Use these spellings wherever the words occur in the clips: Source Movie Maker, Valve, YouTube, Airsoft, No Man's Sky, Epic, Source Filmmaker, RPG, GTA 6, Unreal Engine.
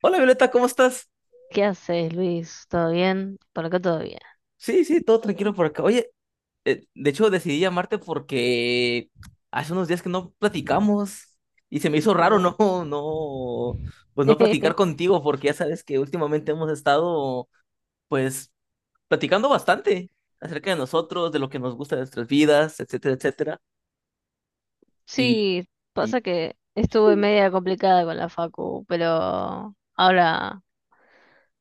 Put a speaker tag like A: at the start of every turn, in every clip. A: Hola Violeta, ¿cómo estás?
B: ¿Qué haces, Luis? ¿Todo bien? Por acá todo bien.
A: Sí, sí, todo tranquilo por acá. Oye, de hecho decidí llamarte porque hace unos días que no platicamos y se me hizo raro
B: Uh.
A: no, no, pues no platicar contigo porque ya sabes que últimamente hemos estado pues platicando bastante acerca de nosotros, de lo que nos gusta de nuestras vidas, etcétera, etcétera. Y,
B: Sí,
A: y
B: pasa que estuve media complicada con la facu, pero ahora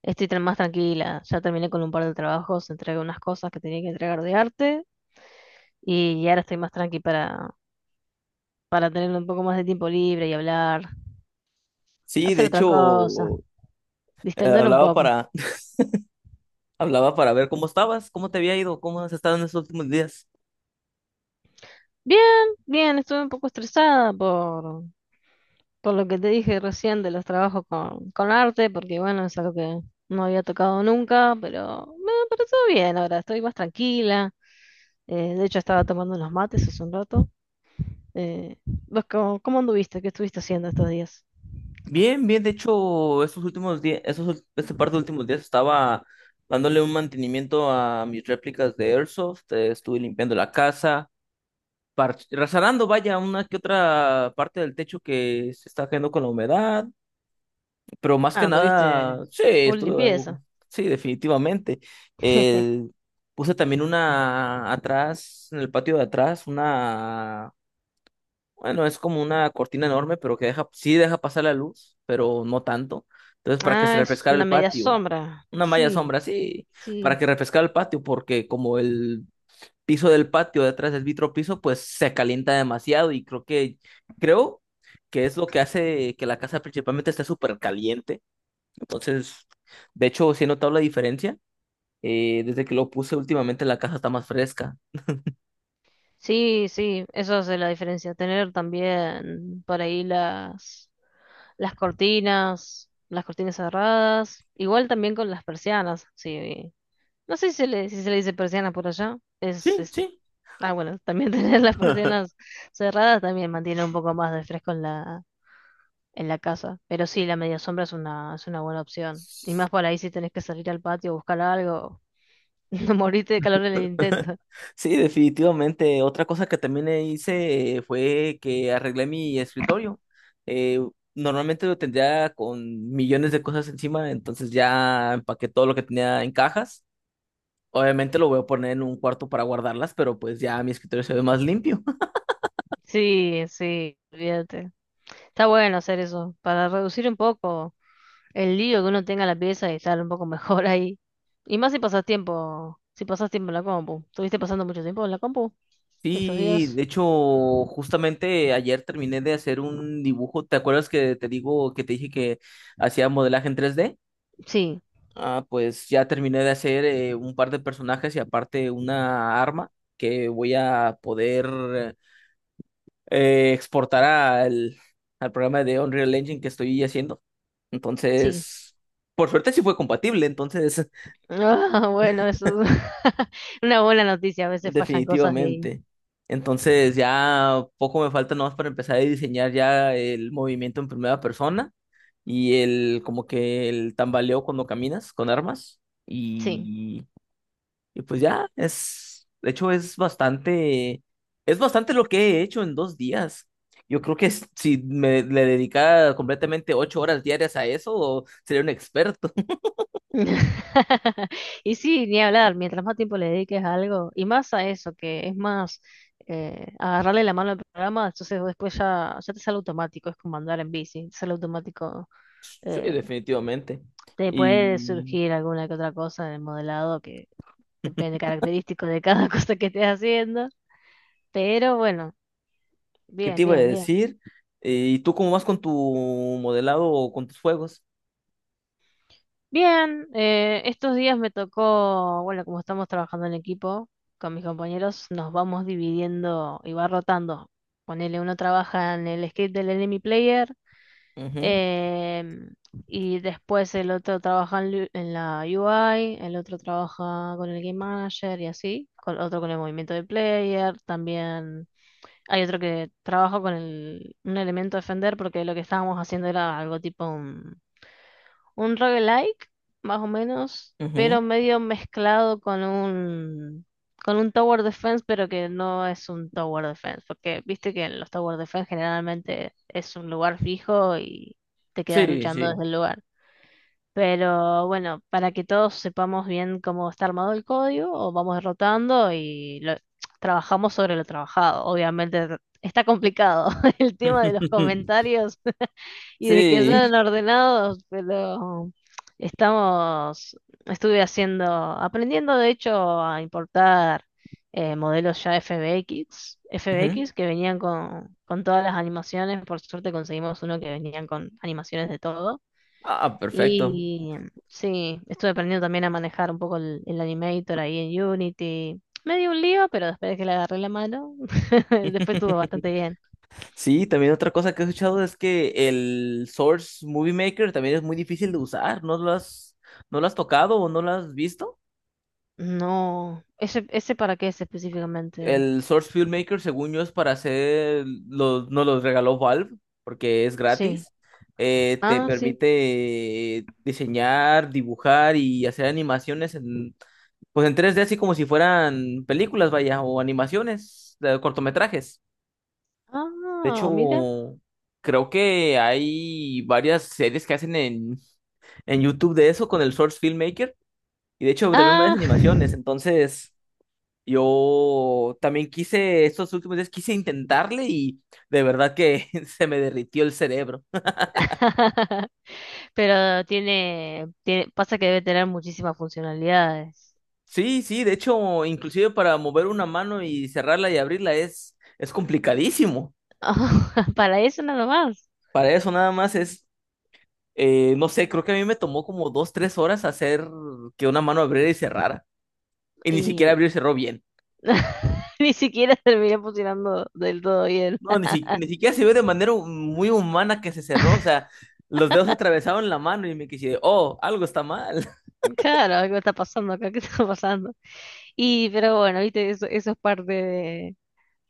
B: estoy más tranquila. Ya terminé con un par de trabajos, entregué unas cosas que tenía que entregar de arte y ahora estoy más tranqui para tener un poco más de tiempo libre y hablar,
A: sí, de
B: hacer otra cosa,
A: hecho
B: distender un
A: hablaba
B: poco.
A: para hablaba para ver cómo estabas, cómo te había ido, cómo has estado en estos últimos días.
B: Bien, bien, estuve un poco estresada por lo que te dije recién de los trabajos con arte, porque bueno, es algo que no había tocado nunca, pero me pareció bien ahora, estoy más tranquila. De hecho, estaba tomando unos mates hace un rato. ¿Vos cómo anduviste? ¿Qué estuviste haciendo estos días?
A: Bien, bien, de hecho, estos últimos días, esos, este par de últimos días estaba dándole un mantenimiento a mis réplicas de Airsoft. Estuve limpiando la casa, reparando, vaya, una que otra parte del techo que se está cayendo con la humedad, pero más
B: Ah,
A: que
B: anduviste
A: nada, sí,
B: full
A: estuve algo,
B: limpieza.
A: sí, definitivamente. Eh, Puse también una atrás, en el patio de atrás, una, bueno, es como una cortina enorme, pero que deja, sí deja pasar la luz, pero no tanto. Entonces, para que se
B: Ah, es
A: refrescara
B: una
A: el
B: media
A: patio,
B: sombra.
A: una malla
B: Sí,
A: sombra, sí, para
B: sí,
A: que refrescara el patio, porque como el piso del patio detrás del vitro piso, pues se calienta demasiado y creo que es lo que hace que la casa principalmente esté súper caliente. Entonces, de hecho, sí he notado la diferencia. Desde que lo puse últimamente, la casa está más fresca.
B: sí, sí, eso es la diferencia. Tener también por ahí las cortinas cerradas, igual también con las persianas, sí. No sé si se le dice persiana por allá. Es,
A: Sí,
B: es...
A: sí.
B: Ah, bueno, también tener las persianas cerradas también mantiene un poco más de fresco en la casa. Pero sí, la media sombra es una, buena opción. Y más por ahí si tenés que salir al patio a buscar algo, no morirte de calor en el intento.
A: Sí, definitivamente. Otra cosa que también hice, fue que arreglé mi escritorio. Eh, Normalmente lo tendría con millones de cosas encima, entonces ya empaqué todo lo que tenía en cajas. Obviamente lo voy a poner en un cuarto para guardarlas, pero pues ya mi escritorio se ve más limpio.
B: Sí, sí, olvídate. Está bueno hacer eso, para reducir un poco. El lío que uno tenga en la pieza y estar un poco mejor ahí. Y más si pasas tiempo en la compu. ¿Estuviste pasando mucho tiempo en la compu estos
A: Sí,
B: días?
A: de hecho, justamente ayer terminé de hacer un dibujo. ¿Te acuerdas que te dije que hacía modelaje en tres d?
B: Sí,
A: Ah, pues ya terminé de hacer un par de personajes y aparte una arma que voy a poder exportar al programa de Unreal Engine que estoy haciendo.
B: sí.
A: Entonces, por suerte sí fue compatible, entonces,
B: Ah, bueno, eso es una buena noticia. A veces fallan cosas y ahí.
A: definitivamente. Entonces ya poco me falta nomás para empezar a diseñar ya el movimiento en primera persona y el como que el tambaleo cuando caminas con armas.
B: Sí.
A: y Y pues ya, de hecho es bastante lo que he hecho en dos días. Yo creo que si me le dedicara completamente 8 horas diarias a eso, sería un experto.
B: Y sí, ni hablar. Mientras más tiempo le dediques a algo, y más a eso, que es más agarrarle la mano al programa, entonces después ya te sale automático. Es como andar en bici, te sale automático
A: Sí,
B: eh,
A: definitivamente.
B: Te puede
A: ¿Y
B: surgir alguna que otra cosa en el modelado que depende característico de cada cosa que estés haciendo. Pero bueno,
A: qué te
B: bien,
A: iba a
B: bien, bien.
A: decir? ¿Y tú cómo vas con tu modelado o con tus juegos?
B: Bien, estos días me tocó, bueno, como estamos trabajando en equipo con mis compañeros, nos vamos dividiendo y va rotando. Ponele, uno trabaja en el script del enemy player.
A: Ujú,
B: Em, y después el otro trabaja en la UI, el otro trabaja con el Game Manager y así, otro con el movimiento del player, también hay otro que trabaja con un elemento de Fender porque lo que estábamos haciendo era algo tipo un roguelike, más o menos,
A: ujú.
B: pero medio mezclado con un tower defense, pero que no es un tower defense, porque viste que en los tower defense generalmente es un lugar fijo y te quedas
A: Sí,
B: luchando
A: sí.
B: desde el lugar. Pero bueno, para que todos sepamos bien cómo está armado el código, o vamos derrotando y trabajamos sobre lo trabajado. Obviamente está complicado el tema de los comentarios y de que
A: Sí.
B: son ordenados, pero estamos, estuve aprendiendo de hecho a importar modelos ya FBX,
A: Ujú.
B: FBX que venían con todas las animaciones, por suerte conseguimos uno que venían con animaciones de todo.
A: Ah, perfecto.
B: Y sí, estuve aprendiendo también a manejar un poco el Animator ahí en Unity. Me dio un lío, pero después de que le agarré la mano, después estuvo bastante bien.
A: Sí, también otra cosa que he escuchado es que el Source Movie Maker también es muy difícil de usar. ¿No lo has, no lo has tocado o no lo has visto?
B: No, ese para qué es específicamente.
A: El Source Filmmaker, según yo, es para hacer los, nos los regaló Valve porque es
B: Sí.
A: gratis. Te
B: Ah, Mm, sí.
A: permite diseñar, dibujar y hacer animaciones en, pues en 3D, así como si fueran películas, vaya, o animaciones, cortometrajes. De
B: Ah, mira.
A: hecho, creo que hay varias series que hacen en YouTube de eso con el Source Filmmaker. Y de hecho, también varias
B: Ah.
A: animaciones. Entonces, yo también quise, estos últimos días quise intentarle y de verdad que se me derritió el cerebro.
B: Pero tiene, pasa que debe tener muchísimas funcionalidades.
A: Sí, sí, de hecho, inclusive para mover una mano y cerrarla y abrirla es complicadísimo.
B: Para eso nada más.
A: Para eso nada más es, no sé, creo que a mí me tomó como dos, tres horas hacer que una mano abriera y cerrara. Y ni siquiera abrió y
B: Y
A: cerró bien.
B: ni siquiera terminé funcionando del todo bien.
A: No, ni, ni siquiera se ve de manera muy humana que se cerró. O sea, los dedos atravesaron la mano y me quise, oh, algo está mal.
B: Claro, algo está pasando acá, ¿qué está pasando? Pero bueno, viste, eso es parte de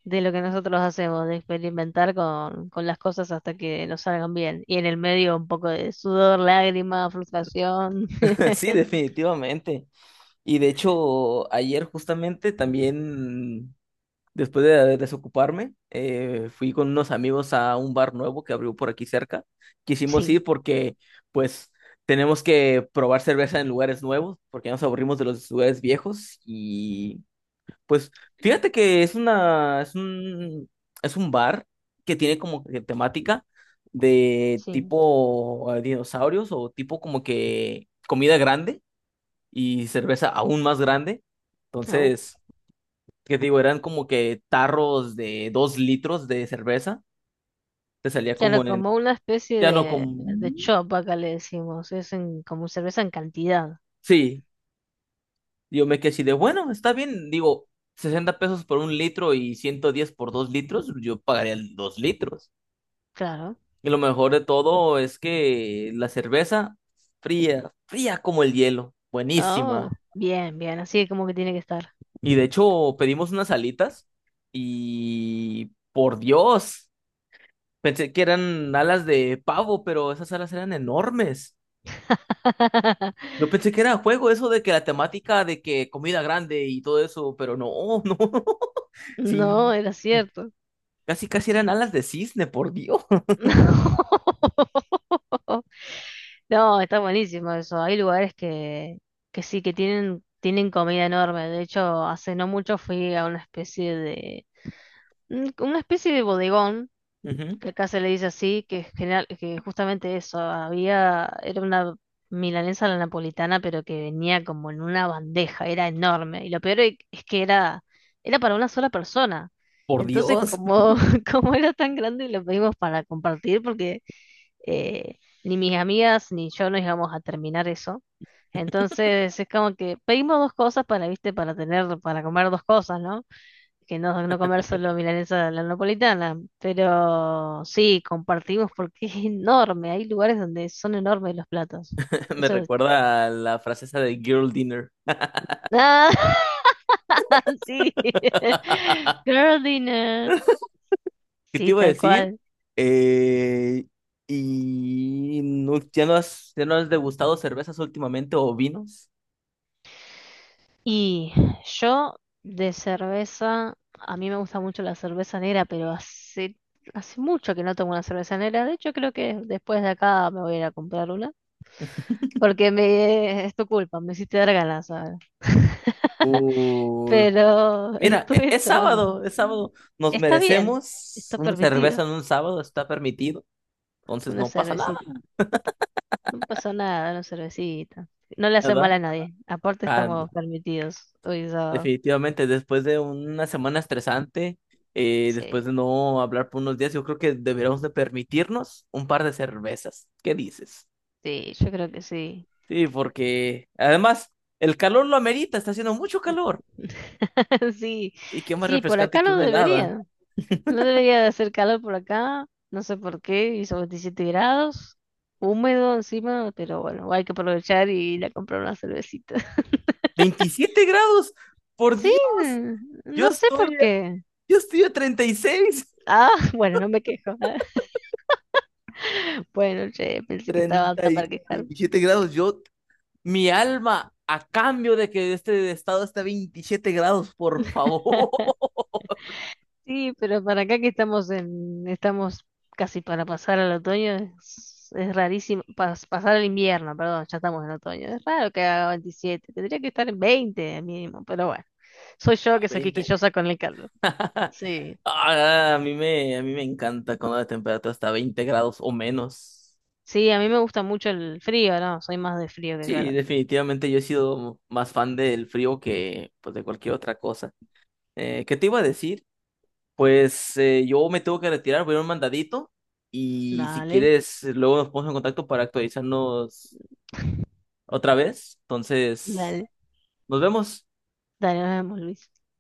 B: de lo que nosotros hacemos, de experimentar con las cosas hasta que nos salgan bien. Y en el medio un poco de sudor, lágrimas, frustración.
A: Sí, definitivamente. Y de hecho, ayer justamente también, después de desocuparme, fui con unos amigos a un bar nuevo que abrió por aquí cerca. Quisimos
B: Sí,
A: ir porque, pues, tenemos que probar cerveza en lugares nuevos, porque ya nos aburrimos de los lugares viejos y pues fíjate que es un bar que tiene como que temática de
B: sí.
A: tipo dinosaurios o tipo como que comida grande y cerveza aún más grande.
B: Au.
A: Entonces, ¿qué te digo? Eran como que tarros de 2 litros de cerveza. Te salía como
B: Claro, como una especie
A: ya no
B: de,
A: como,
B: de chop acá le decimos, es como cerveza en cantidad,
A: sí, yo me quedé así de, bueno, está bien, digo, 60 pesos por un litro y 110 por 2 litros, yo pagaría el 2 litros.
B: claro.
A: Y lo mejor de todo es que la cerveza fría, fría como el hielo,
B: Oh,
A: buenísima.
B: bien, bien, así como que tiene que estar.
A: Y de hecho pedimos unas alitas y por Dios, pensé que eran alas de pavo, pero esas alas eran enormes. Yo pensé que era juego eso de que la temática de que comida grande y todo eso, pero no, no.
B: No,
A: Sí,
B: era
A: y
B: cierto.
A: casi casi eran alas de cisne, por Dios.
B: No. No, está buenísimo eso. Hay lugares que sí, que tienen comida enorme. De hecho, hace no mucho fui a una especie de bodegón,
A: Ujú,
B: que acá se le dice así, que es general, que justamente eso, era una milanesa a la napolitana, pero que venía como en una bandeja, era enorme. Y lo peor es que era para una sola persona.
A: por
B: Entonces,
A: Dios,
B: como era tan grande, lo pedimos para compartir, porque eh, ni mis amigas ni yo nos íbamos a terminar eso. Entonces es como que pedimos dos cosas para, viste, para tener, para comer dos cosas, ¿no? Que no, no comer solo milanesa de la napolitana. Pero sí, compartimos porque es enorme. Hay lugares donde son enormes los platos.
A: me
B: Eso es.
A: recuerda a la frase esa de Girl Dinner.
B: Ah, sí. Girl dinner.
A: ¿Qué te
B: Sí,
A: iba a
B: tal
A: decir?
B: cual.
A: Eh, ya no has degustado cervezas últimamente o vinos?
B: Y yo de cerveza, a mí me gusta mucho la cerveza negra, pero hace mucho que no tomo una cerveza negra. De hecho, creo que después de acá me voy a ir a comprar una, porque es tu culpa, me hiciste dar ganas ahora.
A: Uh,
B: Pero
A: mira,
B: estuve
A: es
B: tomando.
A: sábado, es sábado.
B: Sí,
A: Nos
B: está bien,
A: merecemos
B: está
A: una
B: permitido.
A: cerveza en un sábado, está permitido. Entonces
B: Una
A: no pasa nada,
B: cervecita. No pasa nada, una cervecita. No le hace
A: ¿verdad?
B: mal a nadie. Aparte
A: Ah,
B: estamos permitidos hoy sábado.
A: definitivamente, después de una semana estresante,
B: Sí,
A: después de no hablar por unos días, yo creo que deberíamos de permitirnos un par de cervezas. ¿Qué dices?
B: sí, yo creo que sí.
A: Sí, porque además el calor lo amerita, está haciendo mucho calor.
B: Sí,
A: Y qué más
B: sí, por
A: refrescante
B: acá
A: que
B: no
A: una helada.
B: debería. No debería de hacer calor por acá. No sé por qué. Hizo 27 grados, húmedo encima, pero bueno, hay que aprovechar y ir a comprar una cervecita.
A: 27 grados, por
B: Sí,
A: Dios, yo
B: no sé por
A: estoy,
B: qué.
A: yo estoy a 36.
B: Ah, bueno, no me quejo. Bueno, che, pensé que estaba
A: Treinta
B: apta
A: y
B: para quejarme.
A: veintisiete grados, yo, mi alma, a cambio de que este estado esté a 27 grados, por favor.
B: Sí, pero para acá que estamos estamos casi para pasar al otoño, es rarísimo, pasar al invierno, perdón, ya estamos en otoño, es raro que haga 27 tendría que estar en 20 mínimo, pero bueno, soy yo
A: ¿A
B: que soy
A: veinte?
B: quisquillosa con el calor. Sí,
A: Ah, a mí me encanta cuando la temperatura está a 20 grados o menos.
B: sí, a mí me gusta mucho el frío, no, soy más de frío que
A: Sí,
B: calor.
A: definitivamente yo he sido más fan del frío que pues, de cualquier otra cosa. ¿Qué te iba a decir? Pues yo me tengo que retirar, voy a ir a un mandadito y si
B: Dale,
A: quieres luego nos ponemos en contacto para actualizarnos otra vez. Entonces,
B: dale,
A: nos vemos.
B: dale, nos vemos, Luis.